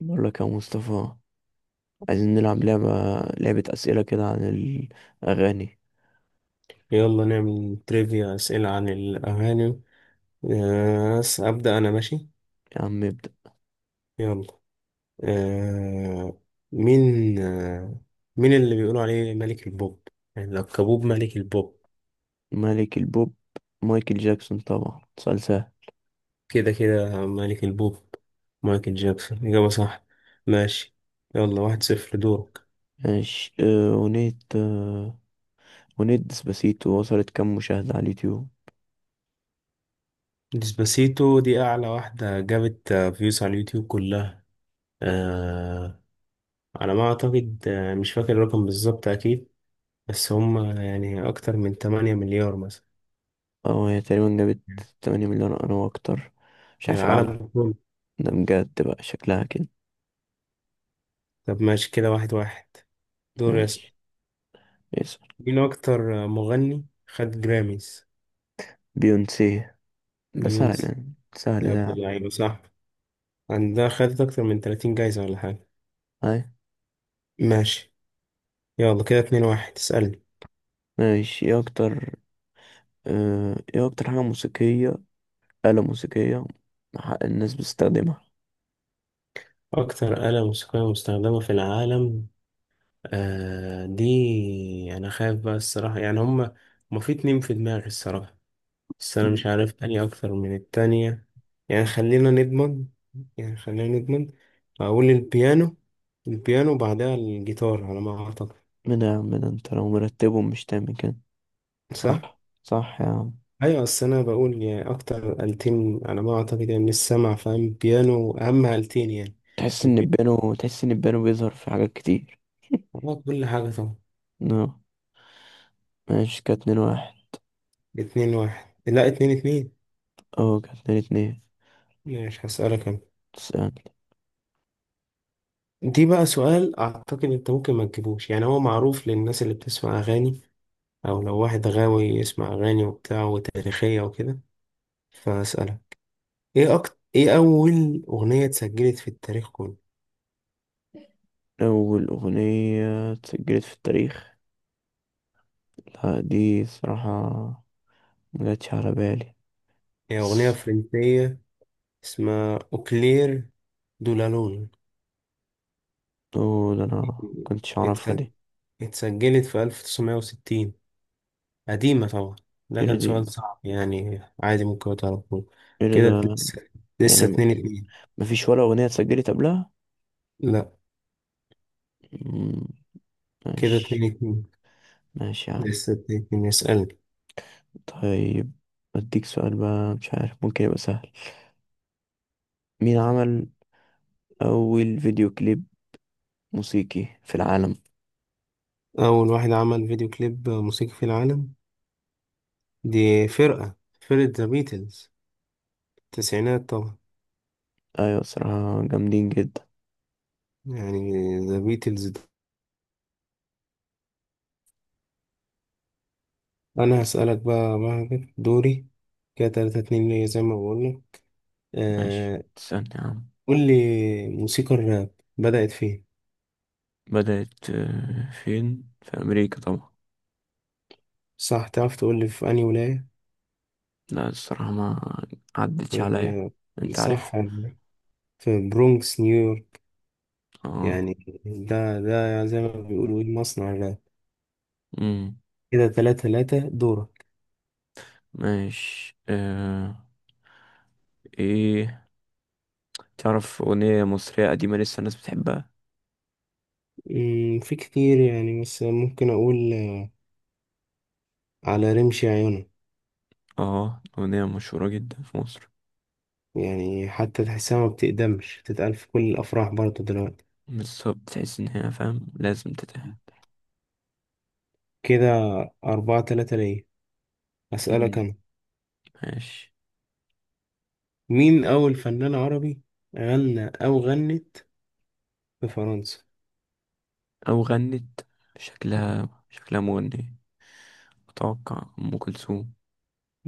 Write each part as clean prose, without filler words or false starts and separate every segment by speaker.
Speaker 1: بقول لك يا مصطفى، عايزين نلعب لعبة أسئلة كده عن الأغاني.
Speaker 2: يلا نعمل تريفيا أسئلة عن الأغاني. أبدأ أنا، ماشي
Speaker 1: يا عم ابدأ.
Speaker 2: يلا. آه، مين آه، مين اللي بيقولوا عليه ملك البوب؟ يعني لقبوه ملك البوب.
Speaker 1: ملك البوب مايكل جاكسون، طبعا سؤال سهل.
Speaker 2: كده كده ملك البوب. مايكل جاكسون إجابة صح. ماشي، يلا، واحد صفر، دورك.
Speaker 1: ماشي. أغنية ديسباسيتو وصلت كام مشاهدة على اليوتيوب؟
Speaker 2: ديسباسيتو دي أعلى واحدة جابت فيوز على اليوتيوب كلها. آه، على ما أعتقد مش فاكر الرقم بالظبط أكيد، بس هم يعني أكتر من 8 مليار مثلا.
Speaker 1: هي تقريبا جابت 8 مليون أو أكتر، مش عارف. العالم
Speaker 2: للعالم كله.
Speaker 1: ده بجد بقى شكلها كده.
Speaker 2: طب ماشي كده، واحد واحد. دور يسأل.
Speaker 1: ماشي، اسأل.
Speaker 2: مين أكتر مغني خد جراميز؟
Speaker 1: بيونسي، ده سهل
Speaker 2: بيونس،
Speaker 1: يعني، سهل
Speaker 2: يا
Speaker 1: ده يا
Speaker 2: ابن
Speaker 1: عم.
Speaker 2: اللعيبة صح. عندها خدت أكتر من 30 جايزة ولا حاجة.
Speaker 1: أي،
Speaker 2: ماشي، يلا كده اتنين واحد، اسألني.
Speaker 1: ماشي. إيه أكتر حاجة موسيقية، آلة موسيقية الناس بتستخدمها.
Speaker 2: أكتر آلة موسيقية مستخدمة في العالم، آه دي أنا خايف بقى الصراحة، يعني هما في اتنين في دماغي الصراحة، بس أنا
Speaker 1: مم.
Speaker 2: مش عارف أني أكتر من التانية. يعني خلينا نضمن، يعني خلينا نضمن. أقول البيانو. البيانو وبعدها الجيتار على ما أعتقد.
Speaker 1: من يا عم، ده انت لو مرتبهم مش تعمل كده.
Speaker 2: صح؟
Speaker 1: صح صح يا عم.
Speaker 2: أيوة، بس أنا بقول يعني أكتر آلتين على ما أعتقد، يعني من السمع فاهم، بيانو أهم آلتين يعني.
Speaker 1: تحس ان
Speaker 2: البيانو.
Speaker 1: البيانو تحس ان البيانو بيظهر في حاجات كتير.
Speaker 2: آه، كل حاجة طبعا.
Speaker 1: نو، ماشي. كانت 2-1.
Speaker 2: اتنين واحد، لا اتنين اتنين.
Speaker 1: اه، كانت 2-2.
Speaker 2: مش هسألك أنا.
Speaker 1: تسألني؟
Speaker 2: دي بقى سؤال أعتقد أنت ممكن ما تجيبوش، يعني هو معروف للناس اللي بتسمع أغاني، او لو واحد غاوي يسمع اغاني وبتاع وتاريخية وكده. فاسألها. ايه أكتر ايه اول اغنية اتسجلت في التاريخ كله؟
Speaker 1: أول أغنية اتسجلت في التاريخ؟ لا، دي صراحة مجتش على بالي،
Speaker 2: هي اغنية
Speaker 1: بس.
Speaker 2: فرنسية اسمها اوكلير دولالون.
Speaker 1: اوه، ده أنا مكنتش أعرفها
Speaker 2: اتس-
Speaker 1: دي.
Speaker 2: اتسجلت في 1960، قديمة طبعا. ده
Speaker 1: ايه ده
Speaker 2: كان سؤال
Speaker 1: دي
Speaker 2: صعب، يعني عادي ممكن تعرفوه.
Speaker 1: ايه ده
Speaker 2: كده
Speaker 1: ده؟
Speaker 2: لسه
Speaker 1: يعني
Speaker 2: لسه اتنين اتنين.
Speaker 1: مفيش ولا أغنية اتسجلت قبلها؟
Speaker 2: لا
Speaker 1: مم،
Speaker 2: كده اتنين
Speaker 1: ماشي.
Speaker 2: اتنين.
Speaker 1: ماشي يا عم.
Speaker 2: لسه اتنين اتنين، يسألني.
Speaker 1: طيب، أديك سؤال بقى، مش عارف ممكن يبقى سهل. مين عمل أول فيديو كليب موسيقي في العالم؟
Speaker 2: أول واحد عمل فيديو كليب موسيقي في العالم، دي فرقة، فرقة ذا بيتلز، التسعينات طبعا.
Speaker 1: أيوة، صراحة جامدين جدا.
Speaker 2: يعني ذا بيتلز ده. أنا هسألك بقى، مهجر دوري، كده تلاتة اتنين ليا زي ما بقولنا.
Speaker 1: ماشي،
Speaker 2: آه
Speaker 1: تسألني يا عم.
Speaker 2: قول لي، موسيقى الراب بدأت فين؟
Speaker 1: بدأت فين؟ في أمريكا طبعا.
Speaker 2: صح، تعرف تقول لي في أنهي ولاية؟
Speaker 1: لا، الصراحة ما عدتش عليا.
Speaker 2: آه
Speaker 1: أنت
Speaker 2: صح،
Speaker 1: عارف؟
Speaker 2: في برونكس نيويورك،
Speaker 1: اه.
Speaker 2: يعني ده ده زي ما بيقولوا إيه، مصنع الراب.
Speaker 1: مم.
Speaker 2: كده تلاتة تلاتة، دورك.
Speaker 1: ماشي. إيه، تعرف أغنية مصرية قديمة لسه الناس بتحبها؟
Speaker 2: مم، في كتير يعني، بس ممكن أقول على رمش عيونك.
Speaker 1: اه، أغنية مشهورة جدا في مصر.
Speaker 2: يعني حتى تحسها ما بتقدمش، بتتقال في كل الأفراح برضه دلوقتي.
Speaker 1: بالظبط، تحس إن هي فاهم لازم تتعب.
Speaker 2: كده أربعة تلاتة ليا، أسألك
Speaker 1: مم،
Speaker 2: أنا.
Speaker 1: ماشي.
Speaker 2: مين أول فنان عربي غنى أو غنت في فرنسا؟
Speaker 1: أو غنت، شكلها مغنية، أتوقع أم كلثوم.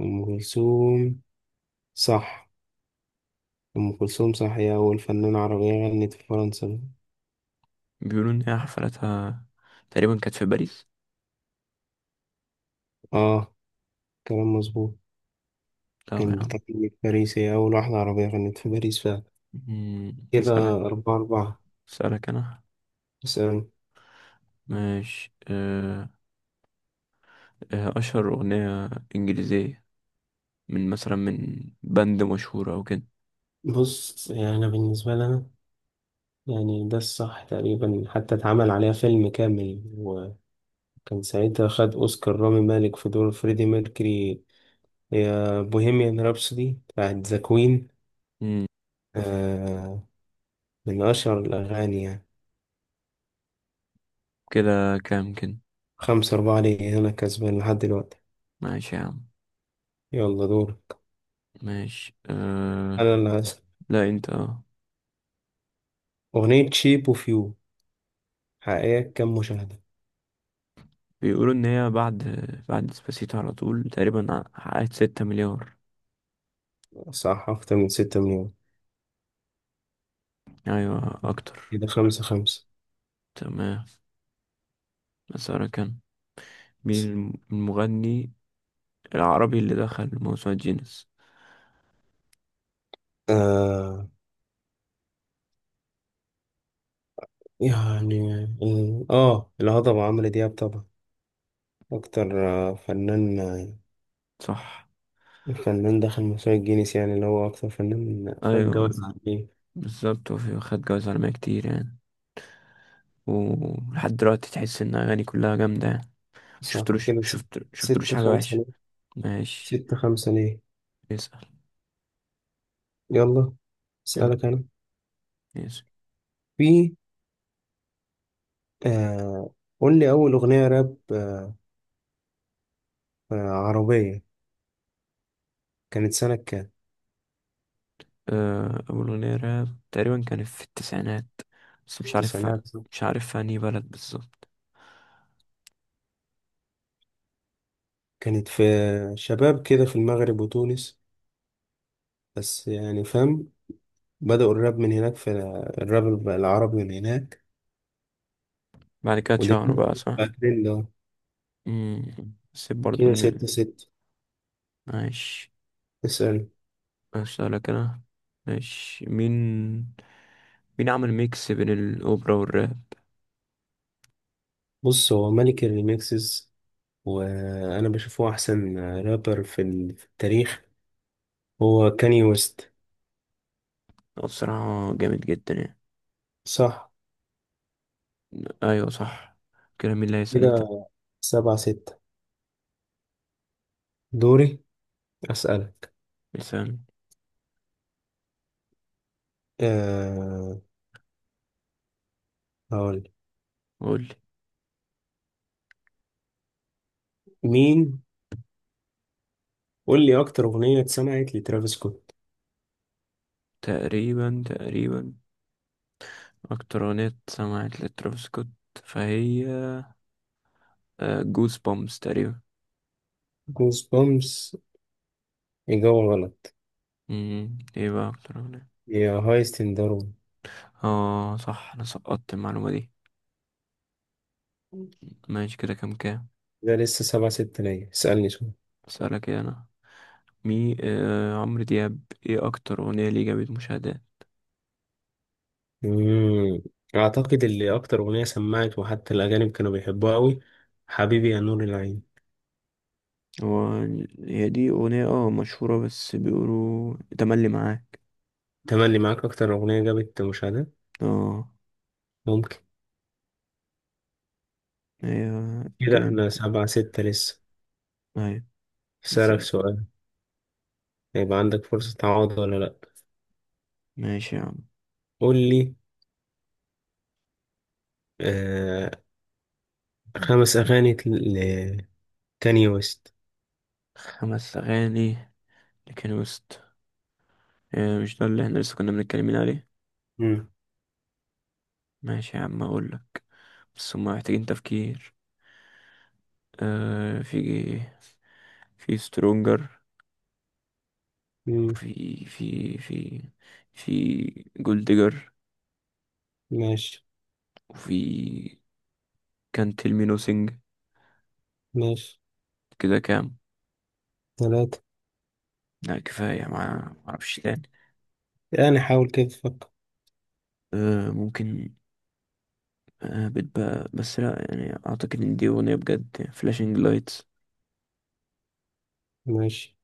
Speaker 2: أم كلثوم صح، أم كلثوم صح، هي أول فنانة عربية غنت في فرنسا.
Speaker 1: بيقولوا إن هي حفلتها تقريبا كانت في باريس.
Speaker 2: آه كلام مظبوط،
Speaker 1: طب يا
Speaker 2: كان
Speaker 1: عم.
Speaker 2: بتغني في باريس، هي أول واحدة عربية غنت في باريس فعلا.
Speaker 1: مم،
Speaker 2: كده
Speaker 1: أسألك
Speaker 2: أربعة أربعة.
Speaker 1: أسألك أنا.
Speaker 2: اسأل.
Speaker 1: ماشي. أه آه، أشهر أغنية إنجليزية، من بند مشهور أو كده.
Speaker 2: بص، يعني أنا بالنسبة لي أنا، يعني ده الصح تقريبا، حتى اتعمل عليها فيلم كامل، وكان ساعتها خد أوسكار رامي مالك في دور فريدي ميركوري، يا بوهيميان رابسودي بتاعت ذا كوين.
Speaker 1: مم،
Speaker 2: آه، من أشهر الأغاني يعني.
Speaker 1: كده كام كده.
Speaker 2: خمسة أربعة ليه، أنا كسبان لحد دلوقتي.
Speaker 1: ماشي يا عم.
Speaker 2: يلا دور،
Speaker 1: ماشي
Speaker 2: أنا اللي هسأل.
Speaker 1: لا، أنت.
Speaker 2: أغنية شيب أوف يو، حقيقة كام مشاهدة؟
Speaker 1: بيقولوا ان هي بعد ديسباسيتو على طول تقريبا حققت 6 مليار.
Speaker 2: صح، أكتر من ستة مليون.
Speaker 1: ايوه، اكتر.
Speaker 2: كده خمسة خمسة.
Speaker 1: تمام، مسارة كان. مين المغني العربي اللي دخل موسوعة جينيس؟
Speaker 2: آه يعني الهضبة عمرو دياب طبعا، أكتر فنان،
Speaker 1: صح.
Speaker 2: فنان دخل موسوعة جينيس، يعني اللي هو أكتر فنان خد
Speaker 1: ايوه،
Speaker 2: جوائز عليه.
Speaker 1: بالظبط. وفي خد جوايز عالمية كتير يعني. ولحد دلوقتي تحس ان اغاني كلها جامدة يعني.
Speaker 2: صح
Speaker 1: شفتلوش
Speaker 2: كده ست-
Speaker 1: شفت شفتلوش
Speaker 2: ستة
Speaker 1: حاجة
Speaker 2: خمسة
Speaker 1: وحشة.
Speaker 2: ليه.
Speaker 1: ماشي،
Speaker 2: ستة خمسة ليه.
Speaker 1: اسأل.
Speaker 2: يلا
Speaker 1: يلا،
Speaker 2: أسألك أنا.
Speaker 1: اسأل.
Speaker 2: في آه، قول لي، أول أغنية راب عربية كانت سنة كام؟
Speaker 1: أول أغنية راب تقريبا كانت في التسعينات، بس مش عارف.
Speaker 2: التسعينات صح؟
Speaker 1: مش عارف في أنهي بلد بالظبط.
Speaker 2: كانت في شباب كده في المغرب وتونس، بس يعني فاهم، بدأوا الراب من هناك، الراب العربي من هناك.
Speaker 1: بعد كده اتشهروا بقى،
Speaker 2: ودلوقتي بقى
Speaker 1: صح.
Speaker 2: ترند أهو.
Speaker 1: مم. بس برضو
Speaker 2: كده
Speaker 1: ان.
Speaker 2: ستة ستة.
Speaker 1: ماشي.
Speaker 2: اسأل.
Speaker 1: اسألك انا. ماشي. مين عمل ميكس بين الاوبرا والراب؟
Speaker 2: بص، هو ملك الريميكسز، وانا بشوفه احسن رابر في التاريخ، هو كاني ويست.
Speaker 1: هو بصراحة جامد جدا يعني.
Speaker 2: صح
Speaker 1: ايوه، صح. كده مين اللي هيسأل؟ انت.
Speaker 2: كده سبعة ستة، دوري. اسألك،
Speaker 1: مثال.
Speaker 2: أه هقول،
Speaker 1: قول لي.
Speaker 2: مين قول لي اكتر اغنية اتسمعت لترافيس سكوت.
Speaker 1: تقريبا اكتر اغنية سمعت لترافيس سكوت، فهي جوز بومبس تقريبا.
Speaker 2: جوز بومس، اجابة غلط.
Speaker 1: مم. ايه بقى اكتر اغنية؟
Speaker 2: يا هايست ان داروين.
Speaker 1: اه، صح، انا سقطت المعلومة دي. ماشي، كده كام كام؟
Speaker 2: ده لسه سبعة ستة ليا، اسألني سؤال.
Speaker 1: اسألك ايه انا. مي آه عمرو دياب، ايه اكتر اغنية ليه جابت مشاهدات؟
Speaker 2: مم. اعتقد اللي اكتر اغنية سمعت، وحتى الاجانب كانوا بيحبوها قوي، حبيبي يا نور العين.
Speaker 1: هو هي دي اغنية مشهورة، بس بيقولوا تملي معاك.
Speaker 2: تملي معاك أكتر أغنية جابت مشاهدات،
Speaker 1: اه،
Speaker 2: ممكن.
Speaker 1: هي
Speaker 2: كده
Speaker 1: كده.
Speaker 2: احنا سبعة ستة لسه.
Speaker 1: هاي، بس.
Speaker 2: هسألك سؤال، هيبقى عندك فرصة تعوض ولا لأ.
Speaker 1: ماشي يا عم،
Speaker 2: قول لي آه، خمس أغاني لكاني ويست.
Speaker 1: خمس اغاني لكن وسط آه مش ده اللي احنا لسه كنا بنتكلمين عليه
Speaker 2: مم.
Speaker 1: ماشي يا عم اقولك، بس هما محتاجين تفكير. آه في في سترونجر.
Speaker 2: مم،
Speaker 1: وفي في في في جولدجر.
Speaker 2: ماشي.
Speaker 1: وفي كان تيل مي.
Speaker 2: ماشي.
Speaker 1: كده كام؟
Speaker 2: ثلاثة.
Speaker 1: لا، كفاية، ما معرفش تاني.
Speaker 2: يعني حاول كده تفكر.
Speaker 1: ممكن. بتبقى، بس لا، يعني أعتقد إن دي أغنية بجد، فلاشينج لايتس.
Speaker 2: ماشي.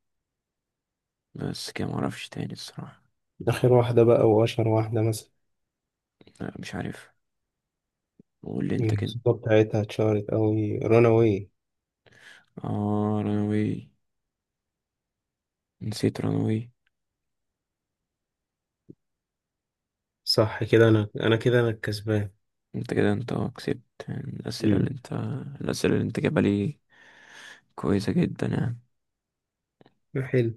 Speaker 1: بس كده معرفش تاني الصراحة.
Speaker 2: آخر واحدة بقى وأشهر واحدة مثلا.
Speaker 1: لا، مش عارف، قول لي أنت كده.
Speaker 2: الموسيقى بتاعتها اتشهرت أوي، راناوي.
Speaker 1: آه، رانوي، نسيت رانوي.
Speaker 2: صح كده، أنا الكسبان.
Speaker 1: أنت كده، أنت كسبت. يعني الأسئلة اللي
Speaker 2: مم.
Speaker 1: أنت الأسئلة اللي أنت جايبها لي كويسة جدا يعني.
Speaker 2: حلو.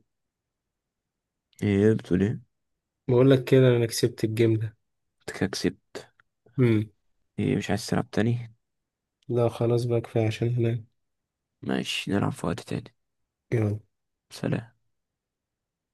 Speaker 1: إيه بتقول إيه؟
Speaker 2: بقول لك كده أنا كسبت الجيم ده.
Speaker 1: أنت كده كسبت.
Speaker 2: مم.
Speaker 1: إيه، مش عايز تلعب تاني؟
Speaker 2: لا خلاص بقى، كفاية عشان هناك.
Speaker 1: ماشي، نلعب في وقت تاني.
Speaker 2: يلا.
Speaker 1: سلام.